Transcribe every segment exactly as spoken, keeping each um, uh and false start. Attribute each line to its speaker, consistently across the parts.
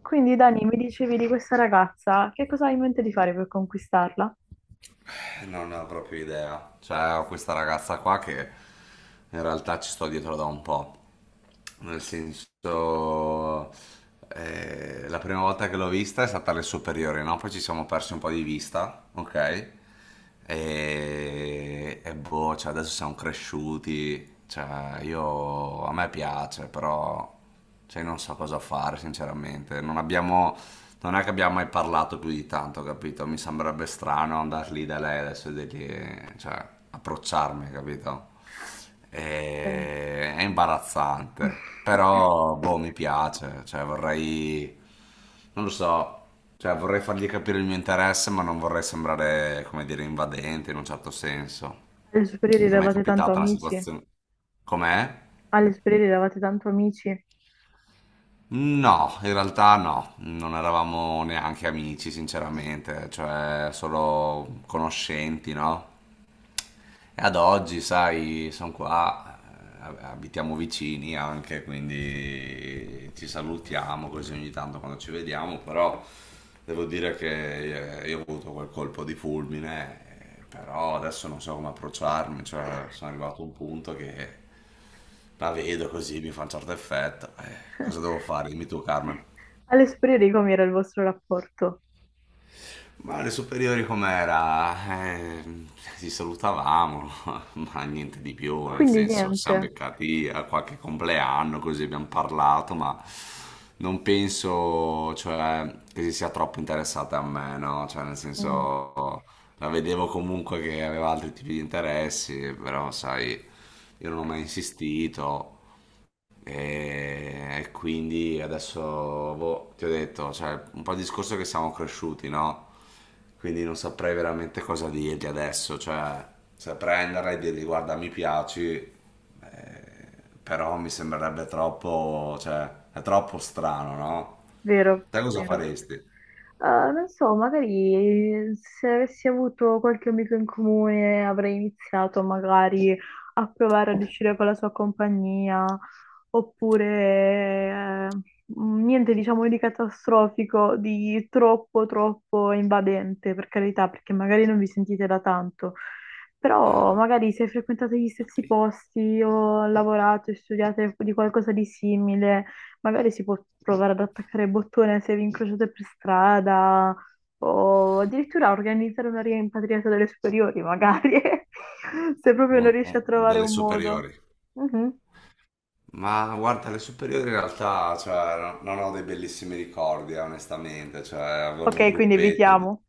Speaker 1: Quindi Dani, mi dicevi di questa ragazza, che cosa hai in mente di fare per conquistarla?
Speaker 2: Non ne ho proprio idea. Cioè, ho questa ragazza qua che in realtà ci sto dietro da un po'. Nel senso, eh, la prima volta che l'ho vista è stata alle superiori, no? Poi ci siamo persi un po' di vista, ok? E, e boh, cioè, adesso siamo cresciuti. Cioè, io a me piace, però cioè non so cosa fare sinceramente, non abbiamo... Non è che abbiamo mai parlato più di tanto, capito? Mi sembrerebbe strano andare lì da lei adesso e dirgli, cioè, approcciarmi, capito?
Speaker 1: Eh,
Speaker 2: E- È imbarazzante, però, boh, mi piace, cioè, vorrei, non lo so, cioè, vorrei fargli capire il mio interesse, ma non vorrei sembrare, come dire, invadente in un certo senso.
Speaker 1: Alle superiori
Speaker 2: Ti è mai
Speaker 1: eravate tanto
Speaker 2: capitata una
Speaker 1: amici,
Speaker 2: situazione? Com'è?
Speaker 1: alle superiori eravate tanto amici,
Speaker 2: No, in realtà no, non eravamo neanche amici, sinceramente, cioè solo conoscenti, no? E ad oggi, sai, sono qua, eh, abitiamo vicini anche, quindi ci salutiamo così ogni tanto quando ci vediamo, però devo dire che eh, io ho avuto quel colpo di fulmine, eh, però adesso non so come approcciarmi, cioè sono arrivato a un punto che la vedo così, mi fa un certo effetto. Eh, cosa devo fare? Dimmi tu, Carmen.
Speaker 1: alle superiori com'era il vostro rapporto?
Speaker 2: Ma le superiori com'era? Eh, ci salutavamo, ma niente di più, nel
Speaker 1: Quindi
Speaker 2: senso, ci siamo
Speaker 1: niente,
Speaker 2: beccati a qualche compleanno, così abbiamo parlato, ma non penso, cioè, che si sia troppo interessata a me, no? Cioè, nel
Speaker 1: Mm,
Speaker 2: senso, la vedevo comunque che aveva altri tipi di interessi, però, sai, io non ho mai insistito. E quindi adesso boh, ti ho detto, cioè, un po' il discorso è che siamo cresciuti, no? Quindi non saprei veramente cosa dirgli adesso, cioè, se prenderla e dirgli guarda, mi piaci, eh, però mi sembrerebbe troppo, cioè, è troppo strano, no?
Speaker 1: vero,
Speaker 2: Te cosa
Speaker 1: vero.
Speaker 2: faresti?
Speaker 1: Eh, non so, magari se avessi avuto qualche amico in comune avrei iniziato magari a provare ad uscire con la sua compagnia, oppure eh, niente diciamo di catastrofico, di troppo troppo invadente, per carità, perché magari non vi sentite da tanto. Però
Speaker 2: Ah,
Speaker 1: magari se frequentate gli stessi
Speaker 2: capì.
Speaker 1: posti o lavorate, studiate di qualcosa di simile, magari si può provare ad attaccare il bottone se vi incrociate per strada o addirittura organizzare una rimpatriata delle superiori, magari, se proprio non
Speaker 2: Un-
Speaker 1: riesci
Speaker 2: un-
Speaker 1: a trovare
Speaker 2: delle
Speaker 1: un modo.
Speaker 2: superiori.
Speaker 1: Mhm.
Speaker 2: Ma guarda, le superiori in realtà, cioè, no- non ho dei bellissimi ricordi, eh, onestamente, cioè, avevo il mio
Speaker 1: Ok, quindi
Speaker 2: gruppetto. di-
Speaker 1: evitiamo.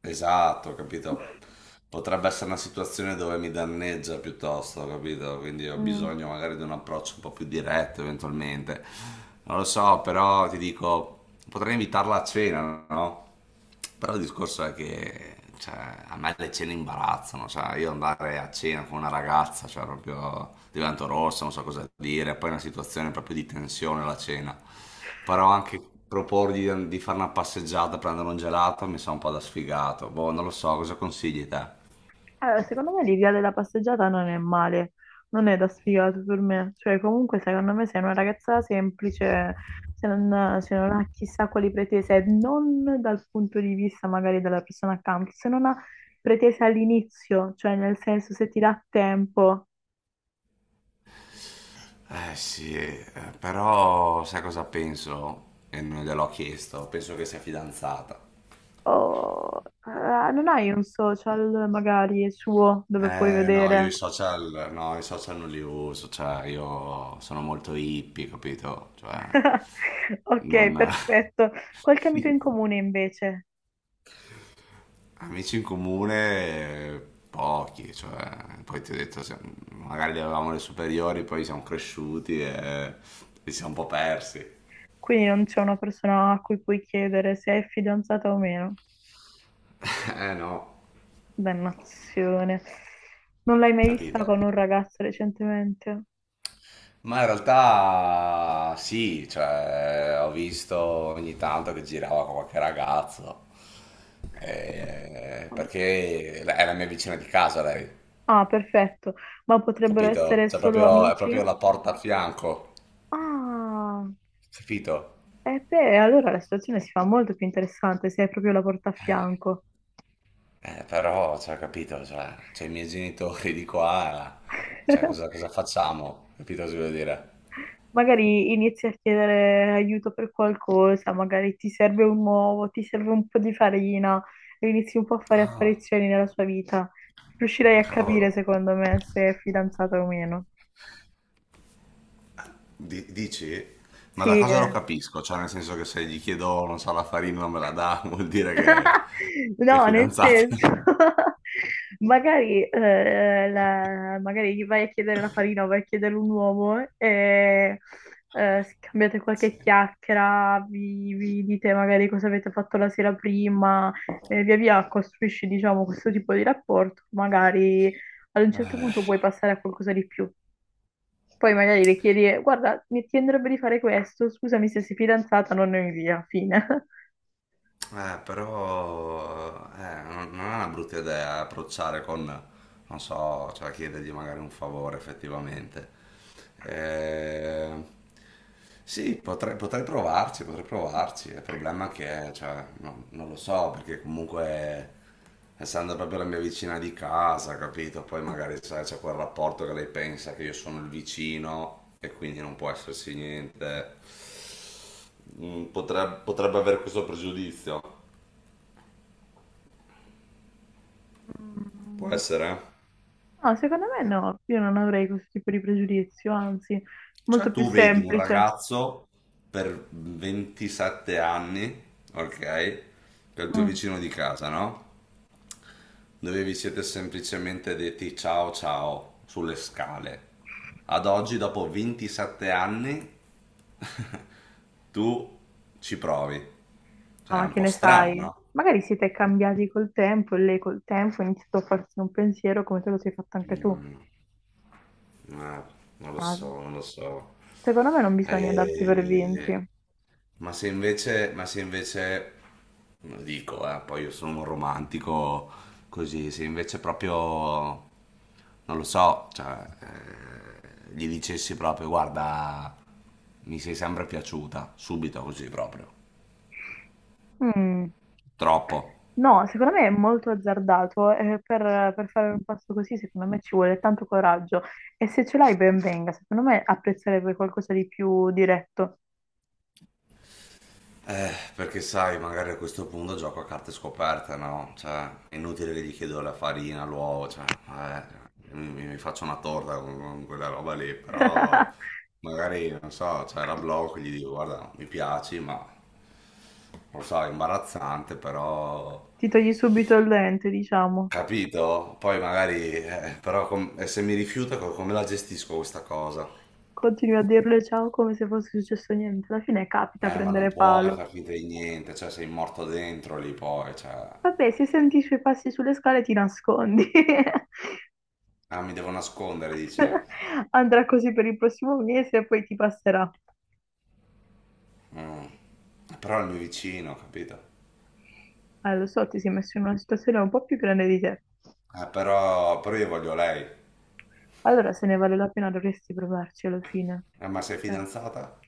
Speaker 2: Esatto, capito? Potrebbe essere una situazione dove mi danneggia piuttosto, capito? Quindi ho
Speaker 1: Mm.
Speaker 2: bisogno magari di un approccio un po' più diretto eventualmente. Non lo so, però ti dico, potrei invitarla a cena, no? Però il discorso è che cioè, a me le cene imbarazzano, cioè io andare a cena con una ragazza, cioè proprio divento rossa, non so cosa dire, poi è una situazione proprio di tensione la cena. Però anche proporgli di, di fare una passeggiata, prendere un gelato, mi sa un po' da sfigato. Boh, non lo so, cosa consigli te?
Speaker 1: Allora, secondo me l'idea della passeggiata non è male, non è da sfigato per me. Cioè, comunque, secondo me, sei una ragazza semplice, se non, se non ha chissà quali pretese, non dal punto di vista magari della persona accanto, se non ha pretese all'inizio, cioè nel senso se ti dà tempo
Speaker 2: Eh sì, eh, però sai cosa penso? E non gliel'ho chiesto, penso che sia fidanzata.
Speaker 1: o eh, non hai un social magari suo dove puoi
Speaker 2: Eh, no, io i
Speaker 1: vedere.
Speaker 2: social, no, i social non li uso, cioè io sono molto hippie, capito? Cioè,
Speaker 1: Ok,
Speaker 2: non...
Speaker 1: perfetto. Qualche amico in comune invece?
Speaker 2: Amici in comune, eh, pochi, cioè, poi ti ho detto, se- magari li avevamo le superiori, poi siamo cresciuti e ci siamo un po' persi.
Speaker 1: Quindi non c'è una persona a cui puoi chiedere se è fidanzata o meno.
Speaker 2: Eh no,
Speaker 1: Dannazione. Non l'hai mai vista
Speaker 2: capito?
Speaker 1: con un ragazzo recentemente?
Speaker 2: Ma in realtà sì, cioè, ho visto ogni tanto che girava con qualche ragazzo, eh, perché è la mia vicina di casa lei,
Speaker 1: Ah, perfetto. Ma potrebbero
Speaker 2: capito?
Speaker 1: essere
Speaker 2: Cioè,
Speaker 1: solo
Speaker 2: proprio, è
Speaker 1: amici?
Speaker 2: proprio la porta a fianco,
Speaker 1: Ah,
Speaker 2: capito?
Speaker 1: e beh, allora la situazione si fa molto più interessante se hai proprio la porta a fianco.
Speaker 2: Eh, però, cioè, capito, cioè, c'ho i miei genitori di qua, cioè, cosa, cosa facciamo? Capito cosa voglio dire?
Speaker 1: Magari inizi a chiedere aiuto per qualcosa, magari ti serve un uovo, ti serve un po' di farina, e inizi un po' a fare
Speaker 2: Ah,
Speaker 1: apparizioni nella sua vita. Riuscirai a
Speaker 2: cavolo.
Speaker 1: capire, secondo me, se è fidanzata o meno.
Speaker 2: Di- dici? Ma
Speaker 1: Sì,
Speaker 2: da cosa lo
Speaker 1: eh.
Speaker 2: capisco? Cioè, nel senso che se gli chiedo, non so, la farina non me la dà, vuol dire che, che è
Speaker 1: No, nel
Speaker 2: fidanzata.
Speaker 1: senso, magari, eh, la- magari gli vai a chiedere la farina o vai a chiedere un uomo e eh, scambiate
Speaker 2: Sì.
Speaker 1: qualche chiacchiera, vi, vi dite magari cosa avete fatto la sera prima, e via via costruisci, diciamo, questo tipo di rapporto. Magari ad un certo
Speaker 2: Eh.
Speaker 1: punto puoi passare a qualcosa di più. Poi magari le chiedi, guarda, mi ti andrebbe di fare questo, scusami se sei fidanzata, non ne via, fine.
Speaker 2: Eh, però eh, non non è una brutta idea approcciare con, non so, cioè chiedergli magari un favore effettivamente. Eh, sì, potrei, potrei provarci, potrei provarci. Il problema è che, cioè, no- non lo so, perché comunque, essendo proprio la mia vicina di casa, capito? Poi magari sai, c'è quel rapporto che lei pensa che io sono il vicino e quindi non può esserci niente mm, potreb- potrebbe avere questo pregiudizio. Può
Speaker 1: Mm,
Speaker 2: essere. Eh.
Speaker 1: no, secondo me no, io non avrei questo tipo di pregiudizio, anzi, molto
Speaker 2: Cioè,
Speaker 1: più
Speaker 2: tu vedi un
Speaker 1: semplice.
Speaker 2: ragazzo per ventisette anni, ok, che è il tuo
Speaker 1: Mm.
Speaker 2: vicino di casa, no? Dove vi siete semplicemente detti ciao ciao sulle scale. Ad oggi, dopo ventisette anni, tu ci provi. Cioè, è
Speaker 1: Ah,
Speaker 2: un
Speaker 1: che
Speaker 2: po'
Speaker 1: ne
Speaker 2: strano,
Speaker 1: sai?
Speaker 2: no?
Speaker 1: Magari siete cambiati col tempo e lei col tempo ha iniziato a farsi un pensiero come te lo sei fatto anche tu.
Speaker 2: Mm, eh, non lo
Speaker 1: Ma
Speaker 2: so, non lo so.
Speaker 1: secondo me non bisogna darsi per vinti.
Speaker 2: Eh, Ma se invece, ma se invece, lo dico, eh, poi io sono un romantico così, se invece proprio, non lo so, cioè, eh, gli dicessi proprio, guarda, mi sei sempre piaciuta, subito così proprio,
Speaker 1: Mm.
Speaker 2: troppo.
Speaker 1: No, secondo me è molto azzardato e per, per fare un passo così secondo me ci vuole tanto coraggio e se ce l'hai ben venga, secondo me apprezzerebbe qualcosa di più diretto.
Speaker 2: Eh, perché sai, magari a questo punto gioco a carte scoperte, no? Cioè, è inutile che gli chiedo la farina, l'uovo, cioè, eh, mi, mi- mi faccio una torta con, con quella roba lì, però magari, non so, cioè, la blocco e gli dico, guarda, mi piaci, ma, lo so, è imbarazzante, però...
Speaker 1: Ti togli subito il lente, diciamo.
Speaker 2: Capito? Poi magari, eh, però com- e se mi rifiuta, co- come la gestisco questa cosa?
Speaker 1: Continui a dirle ciao come se fosse successo niente. Alla fine capita a
Speaker 2: Eh, ma non
Speaker 1: prendere
Speaker 2: puoi
Speaker 1: palo.
Speaker 2: far finta di niente, cioè sei morto dentro lì poi, cioè...
Speaker 1: Vabbè, se senti i suoi passi sulle scale ti nascondi.
Speaker 2: Ah, mi devo nascondere, dice.
Speaker 1: Andrà così per il prossimo mese e poi ti passerà.
Speaker 2: Mm. Però è il mio vicino, capito?
Speaker 1: Ah, lo so, ti sei messo in una situazione un po' più grande di te.
Speaker 2: Eh, però, però io voglio lei.
Speaker 1: Allora, se ne vale la pena, dovresti provarci alla fine.
Speaker 2: Eh, ma sei
Speaker 1: Eh,
Speaker 2: fidanzata?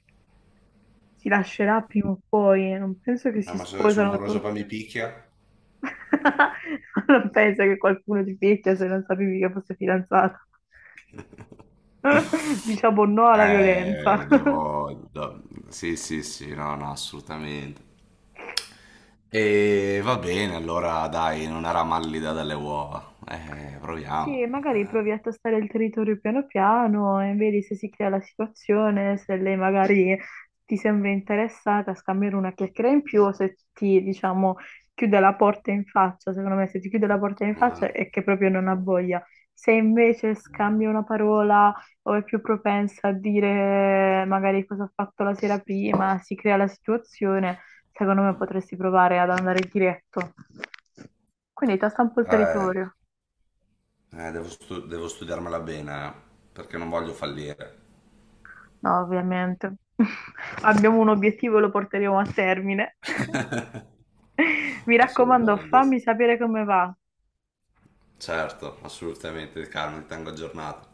Speaker 1: si lascerà prima o poi, eh, non penso che
Speaker 2: Eh,
Speaker 1: si
Speaker 2: ma se il suo
Speaker 1: sposano
Speaker 2: moroso poi mi
Speaker 1: tutte.
Speaker 2: picchia?
Speaker 1: Non penso che qualcuno ti picchia se non sapevi che fosse fidanzato. Diciamo no alla violenza.
Speaker 2: Eh, devo... do- Sì, sì, sì, no, no, assolutamente. E va bene, allora dai, non era mallida dalle uova. Eh,
Speaker 1: Sì,
Speaker 2: proviamo.
Speaker 1: magari provi a tastare il territorio piano piano e vedi se si crea la situazione, se lei magari ti sembra interessata a scambiare una chiacchiera in più o se ti, diciamo, chiude la porta in faccia. Secondo me, se ti chiude la porta in faccia
Speaker 2: Mm.
Speaker 1: è che proprio non ha voglia. Se invece scambia una parola o è più propensa a dire magari cosa ha fatto la sera prima, si crea la situazione, secondo me potresti provare ad andare diretto. Quindi tasta un po' il
Speaker 2: Eh,
Speaker 1: territorio.
Speaker 2: eh, devo, stu- devo studiarmela bene, eh, perché non voglio fallire.
Speaker 1: No, ovviamente. Abbiamo un obiettivo e lo porteremo a termine. Mi raccomando,
Speaker 2: Assolutamente sì.
Speaker 1: fammi sapere come va.
Speaker 2: Certo, assolutamente, Carmen, ti tengo aggiornato.